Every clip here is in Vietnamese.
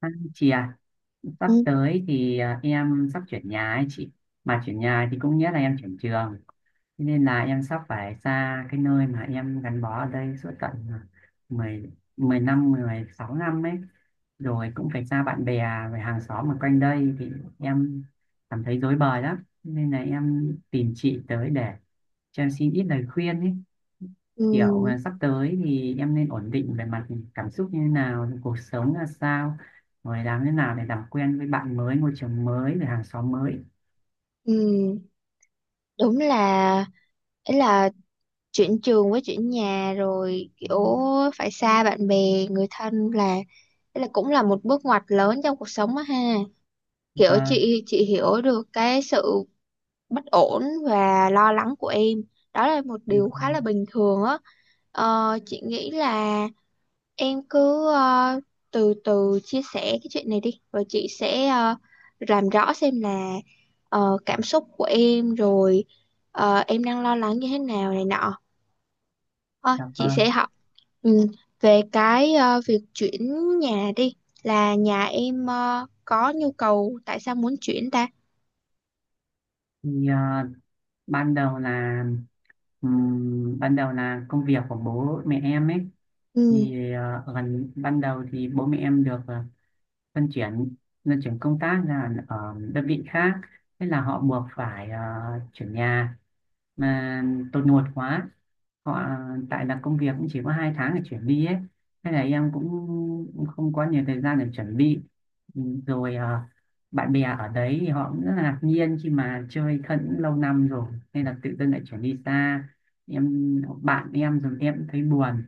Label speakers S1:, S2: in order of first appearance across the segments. S1: À, chị à, sắp
S2: Ừ,
S1: tới thì em sắp chuyển nhà ấy chị. Mà chuyển nhà thì cũng nghĩa là em chuyển trường. Thế nên là em sắp phải xa cái nơi mà em gắn bó ở đây suốt tận mười, 10 năm, 16 năm ấy. Rồi cũng phải xa bạn bè, về hàng xóm ở quanh đây thì em cảm thấy rối bời lắm. Nên là em tìm chị tới để cho em xin ít lời khuyên ấy, kiểu
S2: ừ,
S1: sắp tới thì em nên ổn định về mặt cảm xúc như thế nào, cuộc sống là sao, rồi làm thế nào để làm quen với bạn mới, môi trường mới, rồi hàng xóm mới.
S2: ừ. Đúng là ấy là chuyển trường với chuyển nhà rồi kiểu phải xa bạn bè người thân là ấy là cũng là một bước ngoặt lớn trong cuộc sống á ha, kiểu
S1: Vâng,
S2: chị hiểu được cái sự bất ổn và lo lắng của em. Đó là một điều khá là bình thường á. Chị nghĩ là em cứ từ từ chia sẻ cái chuyện này đi, rồi chị sẽ làm rõ xem là cảm xúc của em rồi em đang lo lắng như thế nào này nọ. Ờ,
S1: dạ
S2: chị
S1: vâng.
S2: sẽ học, ừ, về cái việc chuyển nhà đi, là nhà em có nhu cầu tại sao muốn chuyển ta?
S1: Thì ban đầu là, ban đầu là công việc của bố mẹ em ấy.
S2: Ừ,
S1: Thì gần ban đầu thì bố mẹ em được luân chuyển luân chuyển công tác là ở đơn vị khác. Thế là họ buộc phải chuyển nhà. Mà tôi nuột quá, họ, tại là công việc cũng chỉ có 2 tháng để chuyển đi ấy. Thế là em cũng không có nhiều thời gian để chuẩn bị. Ừ, rồi bạn bè ở đấy thì họ cũng rất là ngạc nhiên khi mà chơi thân lâu năm rồi, nên là tự dưng lại chuyển đi xa. Em bạn em rồi em cũng thấy buồn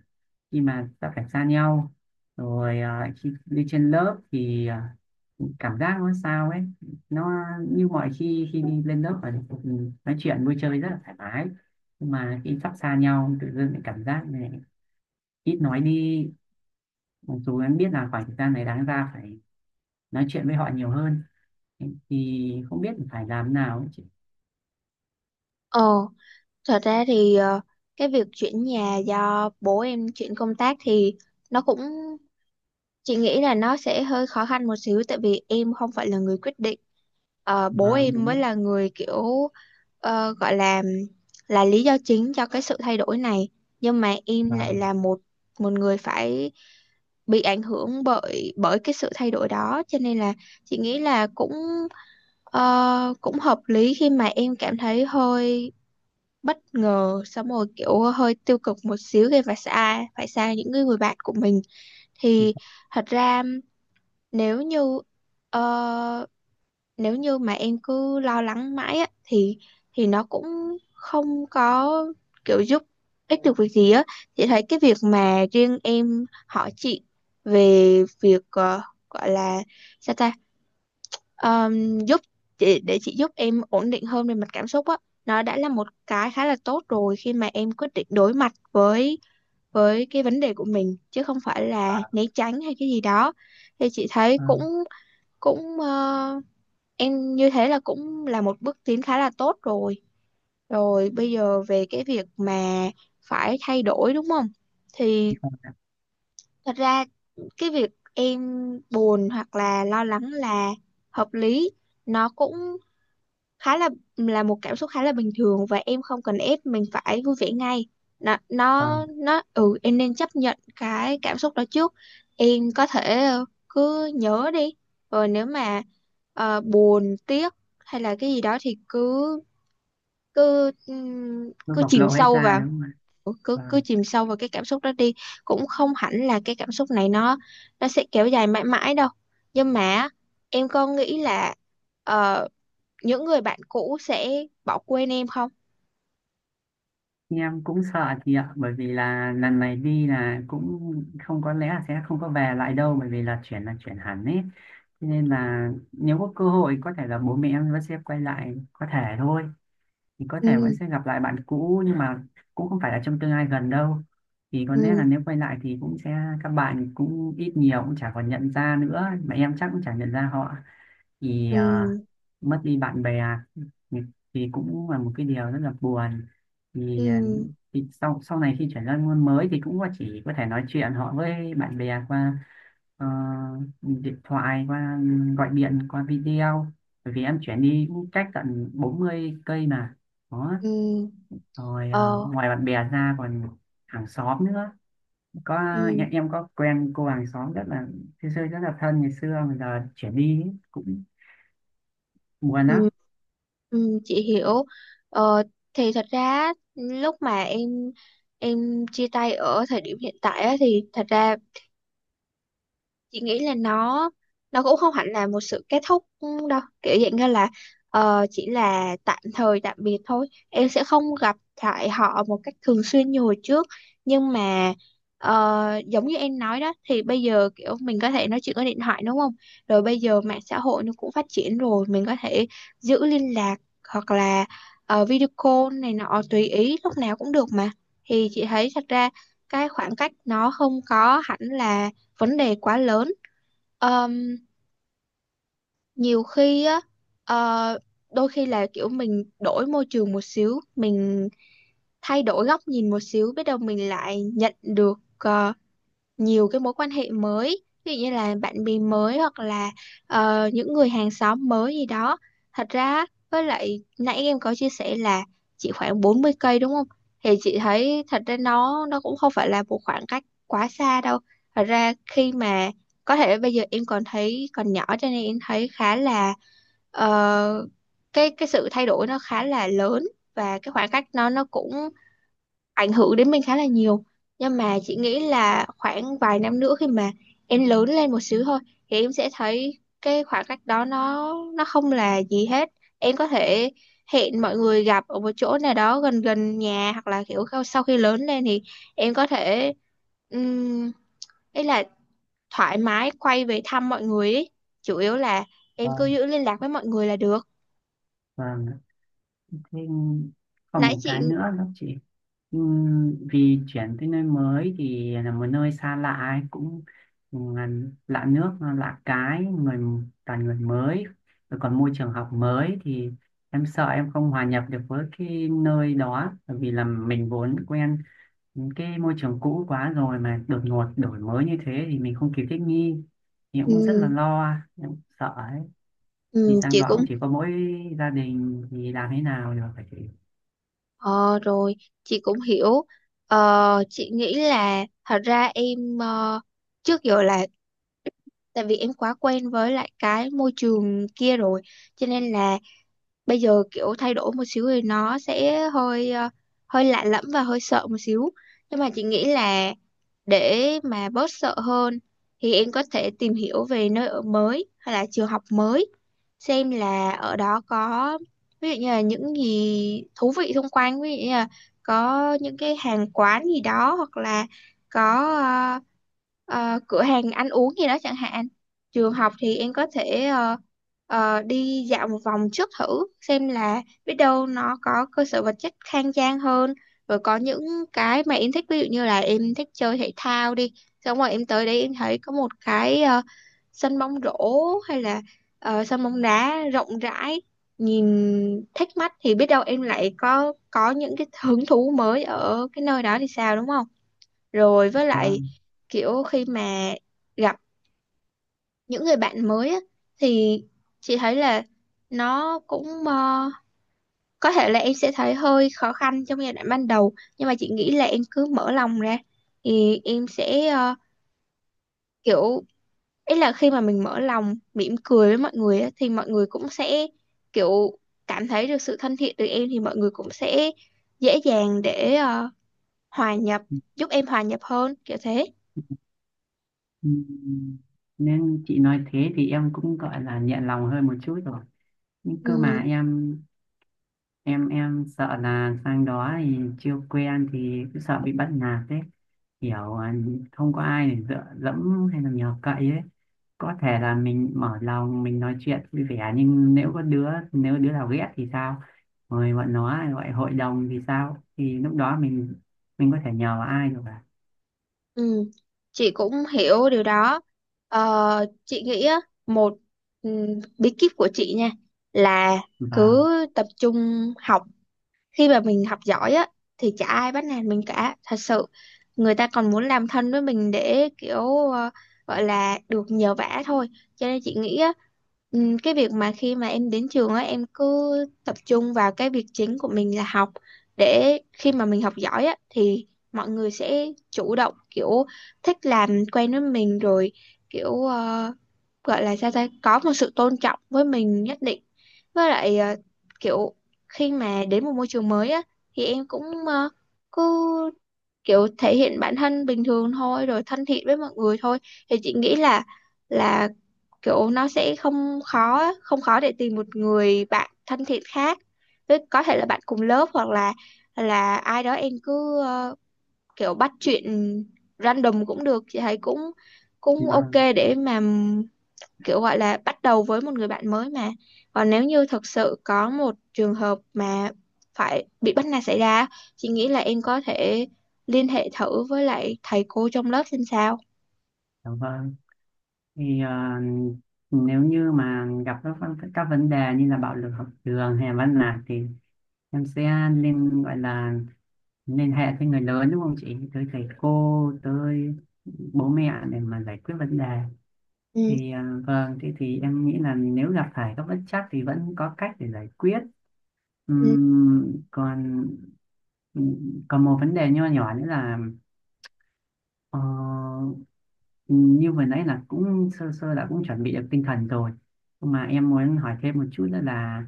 S1: khi mà đã phải xa nhau. Rồi khi đi trên lớp thì cảm giác nó sao ấy. Nó như mọi khi khi đi lên lớp và nói chuyện vui chơi rất là thoải mái, nhưng mà khi sắp xa nhau tự dưng lại cảm giác này, ít nói đi, mặc dù em biết là khoảng thời gian này đáng ra phải nói chuyện với họ nhiều hơn. Thì không biết phải làm nào ấy chị.
S2: ờ, thật ra thì, cái việc chuyển nhà do bố em chuyển công tác thì nó cũng, chị nghĩ là nó sẽ hơi khó khăn một xíu tại vì em không phải là người quyết định. Ờ, bố
S1: Vâng,
S2: em mới
S1: đúng.
S2: là người kiểu gọi là lý do chính cho cái sự thay đổi này. Nhưng mà em lại
S1: Vâng,
S2: là một một người phải bị ảnh hưởng bởi bởi cái sự thay đổi đó, cho nên là chị nghĩ là cũng cũng hợp lý khi mà em cảm thấy hơi bất ngờ, xong rồi kiểu hơi tiêu cực một xíu thì phải xa những người, người bạn của mình. Thì thật ra nếu như ờ, nếu như mà em cứ lo lắng mãi á, thì nó cũng không có kiểu giúp ích được việc gì á. Chị thấy cái việc mà riêng em hỏi chị về việc gọi là sao ta, giúp chị để chị giúp em ổn định hơn về mặt cảm xúc á, nó đã là một cái khá là tốt rồi khi mà em quyết định đối mặt với cái vấn đề của mình chứ không phải là né tránh hay cái gì đó. Thì chị thấy cũng
S1: vâng,
S2: cũng em như thế là cũng là một bước tiến khá là tốt rồi. Rồi bây giờ về cái việc mà phải thay đổi đúng không? Thì thật ra cái việc em buồn hoặc là lo lắng là hợp lý, nó cũng khá là một cảm xúc khá là bình thường và em không cần ép mình phải vui vẻ ngay. nó
S1: vâng.
S2: nó nó ừ, em nên chấp nhận cái cảm xúc đó trước. Em có thể cứ nhớ đi, rồi nếu mà buồn tiếc hay là cái gì đó thì cứ cứ
S1: Nó
S2: cứ
S1: bộc
S2: chìm
S1: lộ hết
S2: sâu
S1: ra
S2: vào.
S1: đúng không ạ?
S2: Ừ, cứ cứ
S1: Vâng,
S2: chìm sâu vào cái cảm xúc đó đi, cũng không hẳn là cái cảm xúc này nó sẽ kéo dài mãi mãi đâu. Nhưng mà em có nghĩ là ờ, những người bạn cũ sẽ bỏ quên em không?
S1: em cũng sợ chị ạ, bởi vì là lần này đi là cũng không, có lẽ là sẽ không có về lại đâu, bởi vì là chuyển hẳn ấy. Cho nên là nếu có cơ hội có thể là bố mẹ em vẫn sẽ quay lại, có thể thôi, thì có thể vẫn
S2: Ừ
S1: sẽ gặp lại bạn cũ, nhưng mà cũng không phải là trong tương lai gần đâu. Thì có lẽ là
S2: ừ
S1: nếu quay lại thì cũng sẽ, các bạn cũng ít nhiều cũng chả còn nhận ra nữa, mà em chắc cũng chả nhận ra họ. Thì
S2: ừ
S1: mất đi bạn bè thì thì cũng là một cái điều rất là buồn. Thì
S2: ừ
S1: thì sau sau này khi chuyển ra môn mới thì cũng chỉ có thể nói chuyện họ với bạn bè qua ờ, điện thoại, qua gọi điện qua video, bởi vì em chuyển đi cũng cách tận 40 cây mà, đó.
S2: ừ
S1: Rồi
S2: ờ
S1: ngoài bạn bè ra còn hàng xóm nữa. Có
S2: ừ
S1: em có quen cô hàng xóm, rất là xưa xưa, rất là thân ngày xưa mà giờ chuyển đi ấy, cũng buồn
S2: ừ
S1: lắm.
S2: ừ chị hiểu. ờ thì thật ra lúc mà em chia tay ở thời điểm hiện tại á, thì thật ra chị nghĩ là nó cũng không hẳn là một sự kết thúc đâu, kiểu dạng như là chỉ là tạm thời tạm biệt thôi, em sẽ không gặp lại họ một cách thường xuyên như hồi trước. Nhưng mà giống như em nói đó thì bây giờ kiểu mình có thể nói chuyện qua điện thoại đúng không, rồi bây giờ mạng xã hội nó cũng phát triển rồi, mình có thể giữ liên lạc, hoặc là video call này nọ tùy ý lúc nào cũng được mà. Thì chị thấy thật ra cái khoảng cách nó không có hẳn là vấn đề quá lớn. Ờm, nhiều khi á, ờ, đôi khi là kiểu mình đổi môi trường một xíu, mình thay đổi góc nhìn một xíu, biết đâu mình lại nhận được nhiều cái mối quan hệ mới, ví dụ như là bạn bè mới hoặc là những người hàng xóm mới gì đó. Thật ra với lại nãy em có chia sẻ là chỉ khoảng 40 cây đúng không, thì chị thấy thật ra nó cũng không phải là một khoảng cách quá xa đâu. Thật ra khi mà có thể bây giờ em còn thấy còn nhỏ cho nên em thấy khá là ờ, cái sự thay đổi nó khá là lớn, và cái khoảng cách nó cũng ảnh hưởng đến mình khá là nhiều. Nhưng mà chị nghĩ là khoảng vài năm nữa khi mà em lớn lên một xíu thôi thì em sẽ thấy cái khoảng cách đó nó không là gì hết. Em có thể hẹn mọi người gặp ở một chỗ nào đó gần gần nhà hoặc là kiểu sau khi lớn lên thì em có thể um, ấy là thoải mái quay về thăm mọi người ấy. Chủ yếu là em cứ
S1: Vâng.
S2: giữ liên lạc với mọi người là được.
S1: Vâng, thế còn
S2: Nãy
S1: một cái nữa đó chị. Vì chuyển tới nơi mới thì là một nơi xa lạ ấy, cũng ừ, là lạ nước lạ cái người, toàn người mới, rồi còn môi trường học mới. Thì em sợ em không hòa nhập được với cái nơi đó, bởi vì là mình vốn quen cái môi trường cũ quá rồi, mà đột ngột đổi mới như thế thì mình không kịp thích nghi. Thì em cũng rất là
S2: ừm,
S1: lo, em cũng sợ ấy. Thì sang
S2: chị
S1: đó
S2: cũng,
S1: cũng chỉ có mỗi gia đình thì làm thế nào được, phải.
S2: ờ rồi chị cũng hiểu. Chị nghĩ là thật ra em, trước giờ là tại vì em quá quen với lại cái môi trường kia rồi, cho nên là bây giờ kiểu thay đổi một xíu thì nó sẽ hơi hơi lạ lẫm và hơi sợ một xíu. Nhưng mà chị nghĩ là để mà bớt sợ hơn thì em có thể tìm hiểu về nơi ở mới hay là trường học mới, xem là ở đó có, ví dụ như là những gì thú vị xung quanh, ví dụ như là có những cái hàng quán gì đó, hoặc là có ờ, cửa hàng ăn uống gì đó chẳng hạn. Trường học thì em có thể đi dạo một vòng trước thử xem, là biết đâu nó có cơ sở vật chất khang trang hơn, rồi có những cái mà em thích, ví dụ như là em thích chơi thể thao đi, xong rồi em tới đấy em thấy có một cái sân bóng rổ hay là sân bóng đá rộng rãi, nhìn thích mắt, thì biết đâu em lại có những cái hứng thú mới ở cái nơi đó thì sao đúng không. Rồi với
S1: Ờ,
S2: lại kiểu khi mà gặp những người bạn mới á, thì chị thấy là nó cũng có thể là em sẽ thấy hơi khó khăn trong giai đoạn ban đầu, nhưng mà chị nghĩ là em cứ mở lòng ra thì em sẽ kiểu, ý là khi mà mình mở lòng mỉm cười với mọi người á, thì mọi người cũng sẽ kiểu cảm thấy được sự thân thiện từ em, thì mọi người cũng sẽ dễ dàng để hòa nhập, giúp em hòa nhập hơn kiểu thế.
S1: ừm, Nên chị nói thế thì em cũng gọi là nhẹ lòng hơn một chút rồi. Nhưng cơ
S2: ừ,
S1: mà em sợ là sang đó thì chưa quen thì cứ sợ bị bắt nạt đấy, kiểu không có ai để dựa dẫm hay là nhờ cậy ấy. Có thể là mình mở lòng, mình nói chuyện vui vẻ, nhưng nếu đứa nào ghét thì sao, rồi bọn nó gọi hội đồng thì sao, thì lúc đó mình có thể nhờ ai được à.
S2: ừ. Chị cũng hiểu điều đó. Ờ, chị nghĩ á, một, ừ, bí kíp của chị nha là
S1: Vâng,
S2: cứ tập trung học. Khi mà mình học giỏi á thì chả ai bắt nạt mình cả thật sự, người ta còn muốn làm thân với mình để kiểu gọi là được nhờ vả thôi. Cho nên chị nghĩ á, cái việc mà khi mà em đến trường á, em cứ tập trung vào cái việc chính của mình là học, để khi mà mình học giỏi á thì mọi người sẽ chủ động kiểu thích làm quen với mình rồi, kiểu gọi là sao ta, có một sự tôn trọng với mình nhất định. Với lại kiểu khi mà đến một môi trường mới á thì em cũng cứ kiểu thể hiện bản thân bình thường thôi, rồi thân thiện với mọi người thôi, thì chị nghĩ là là kiểu nó sẽ không khó á, không khó để tìm một người bạn thân thiện khác. Với có thể là bạn cùng lớp hoặc là ai đó, em cứ kiểu bắt chuyện random cũng được, chị thấy cũng cũng ok
S1: vâng,
S2: để mà kiểu gọi là bắt đầu với một người bạn mới mà. Còn nếu như thực sự có một trường hợp mà phải bị bắt nạt xảy ra, chị nghĩ là em có thể liên hệ thử với lại thầy cô trong lớp xem sao.
S1: dạ vâng. Thì nếu như mà gặp các vấn đề như là bạo lực học đường hay là bắt nạt thì em sẽ nên, gọi là, liên hệ với người lớn đúng không chị, tới thầy cô, tới bố mẹ, để mà giải quyết vấn đề.
S2: Ừ.
S1: Thì vâng, thế thì em nghĩ là nếu gặp phải các bất trắc thì vẫn có cách để giải quyết.
S2: Ừ.
S1: Còn, còn một vấn đề nho nhỏ nữa là, ờ, như vừa nãy là cũng sơ sơ đã cũng chuẩn bị được tinh thần rồi, nhưng mà em muốn hỏi thêm một chút nữa là,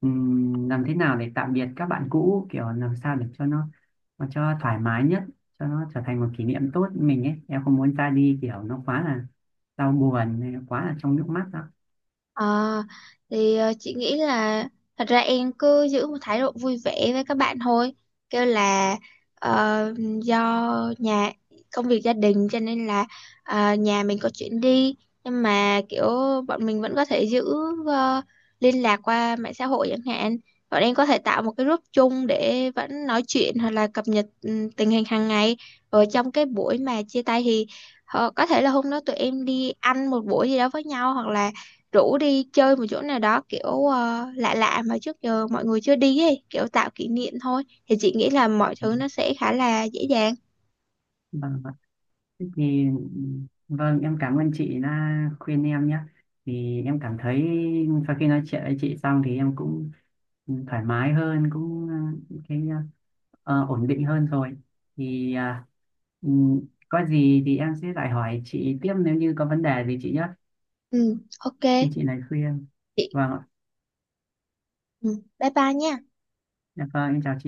S1: làm thế nào để tạm biệt các bạn cũ, kiểu làm sao để cho nó cho thoải mái nhất, cho nó trở thành một kỷ niệm tốt với mình ấy, em không muốn ra đi kiểu nó quá là đau buồn hay quá là trong nước mắt đó.
S2: Ờ, thì chị nghĩ là thật ra em cứ giữ một thái độ vui vẻ với các bạn thôi, kêu là ờ, do nhà, công việc gia đình cho nên là nhà mình có chuyện đi, nhưng mà kiểu bọn mình vẫn có thể giữ ờ, liên lạc qua mạng xã hội chẳng hạn. Bọn em có thể tạo một cái group chung để vẫn nói chuyện hoặc là cập nhật, ừ, tình hình hàng ngày. Ở trong cái buổi mà chia tay thì, ờ, có thể là hôm đó tụi em đi ăn một buổi gì đó với nhau, hoặc là rủ đi chơi một chỗ nào đó kiểu lạ lạ mà trước giờ mọi người chưa đi ấy, kiểu tạo kỷ niệm thôi, thì chị nghĩ là mọi thứ nó sẽ khá là dễ dàng.
S1: Vâng, vâng. Thế thì vâng, em cảm ơn chị đã khuyên em nhé. Thì em cảm thấy sau khi nói chuyện với chị xong thì em cũng thoải mái hơn, cũng cái, ổn định hơn rồi. Thì ừm, có gì thì em sẽ lại hỏi chị tiếp nếu như có vấn đề gì chị nhé.
S2: Ừ, ok.
S1: Như chị này khuyên.
S2: Chị,
S1: Vâng ạ.
S2: ừ, bye bye nhé.
S1: Dạ vâng, em chào chị.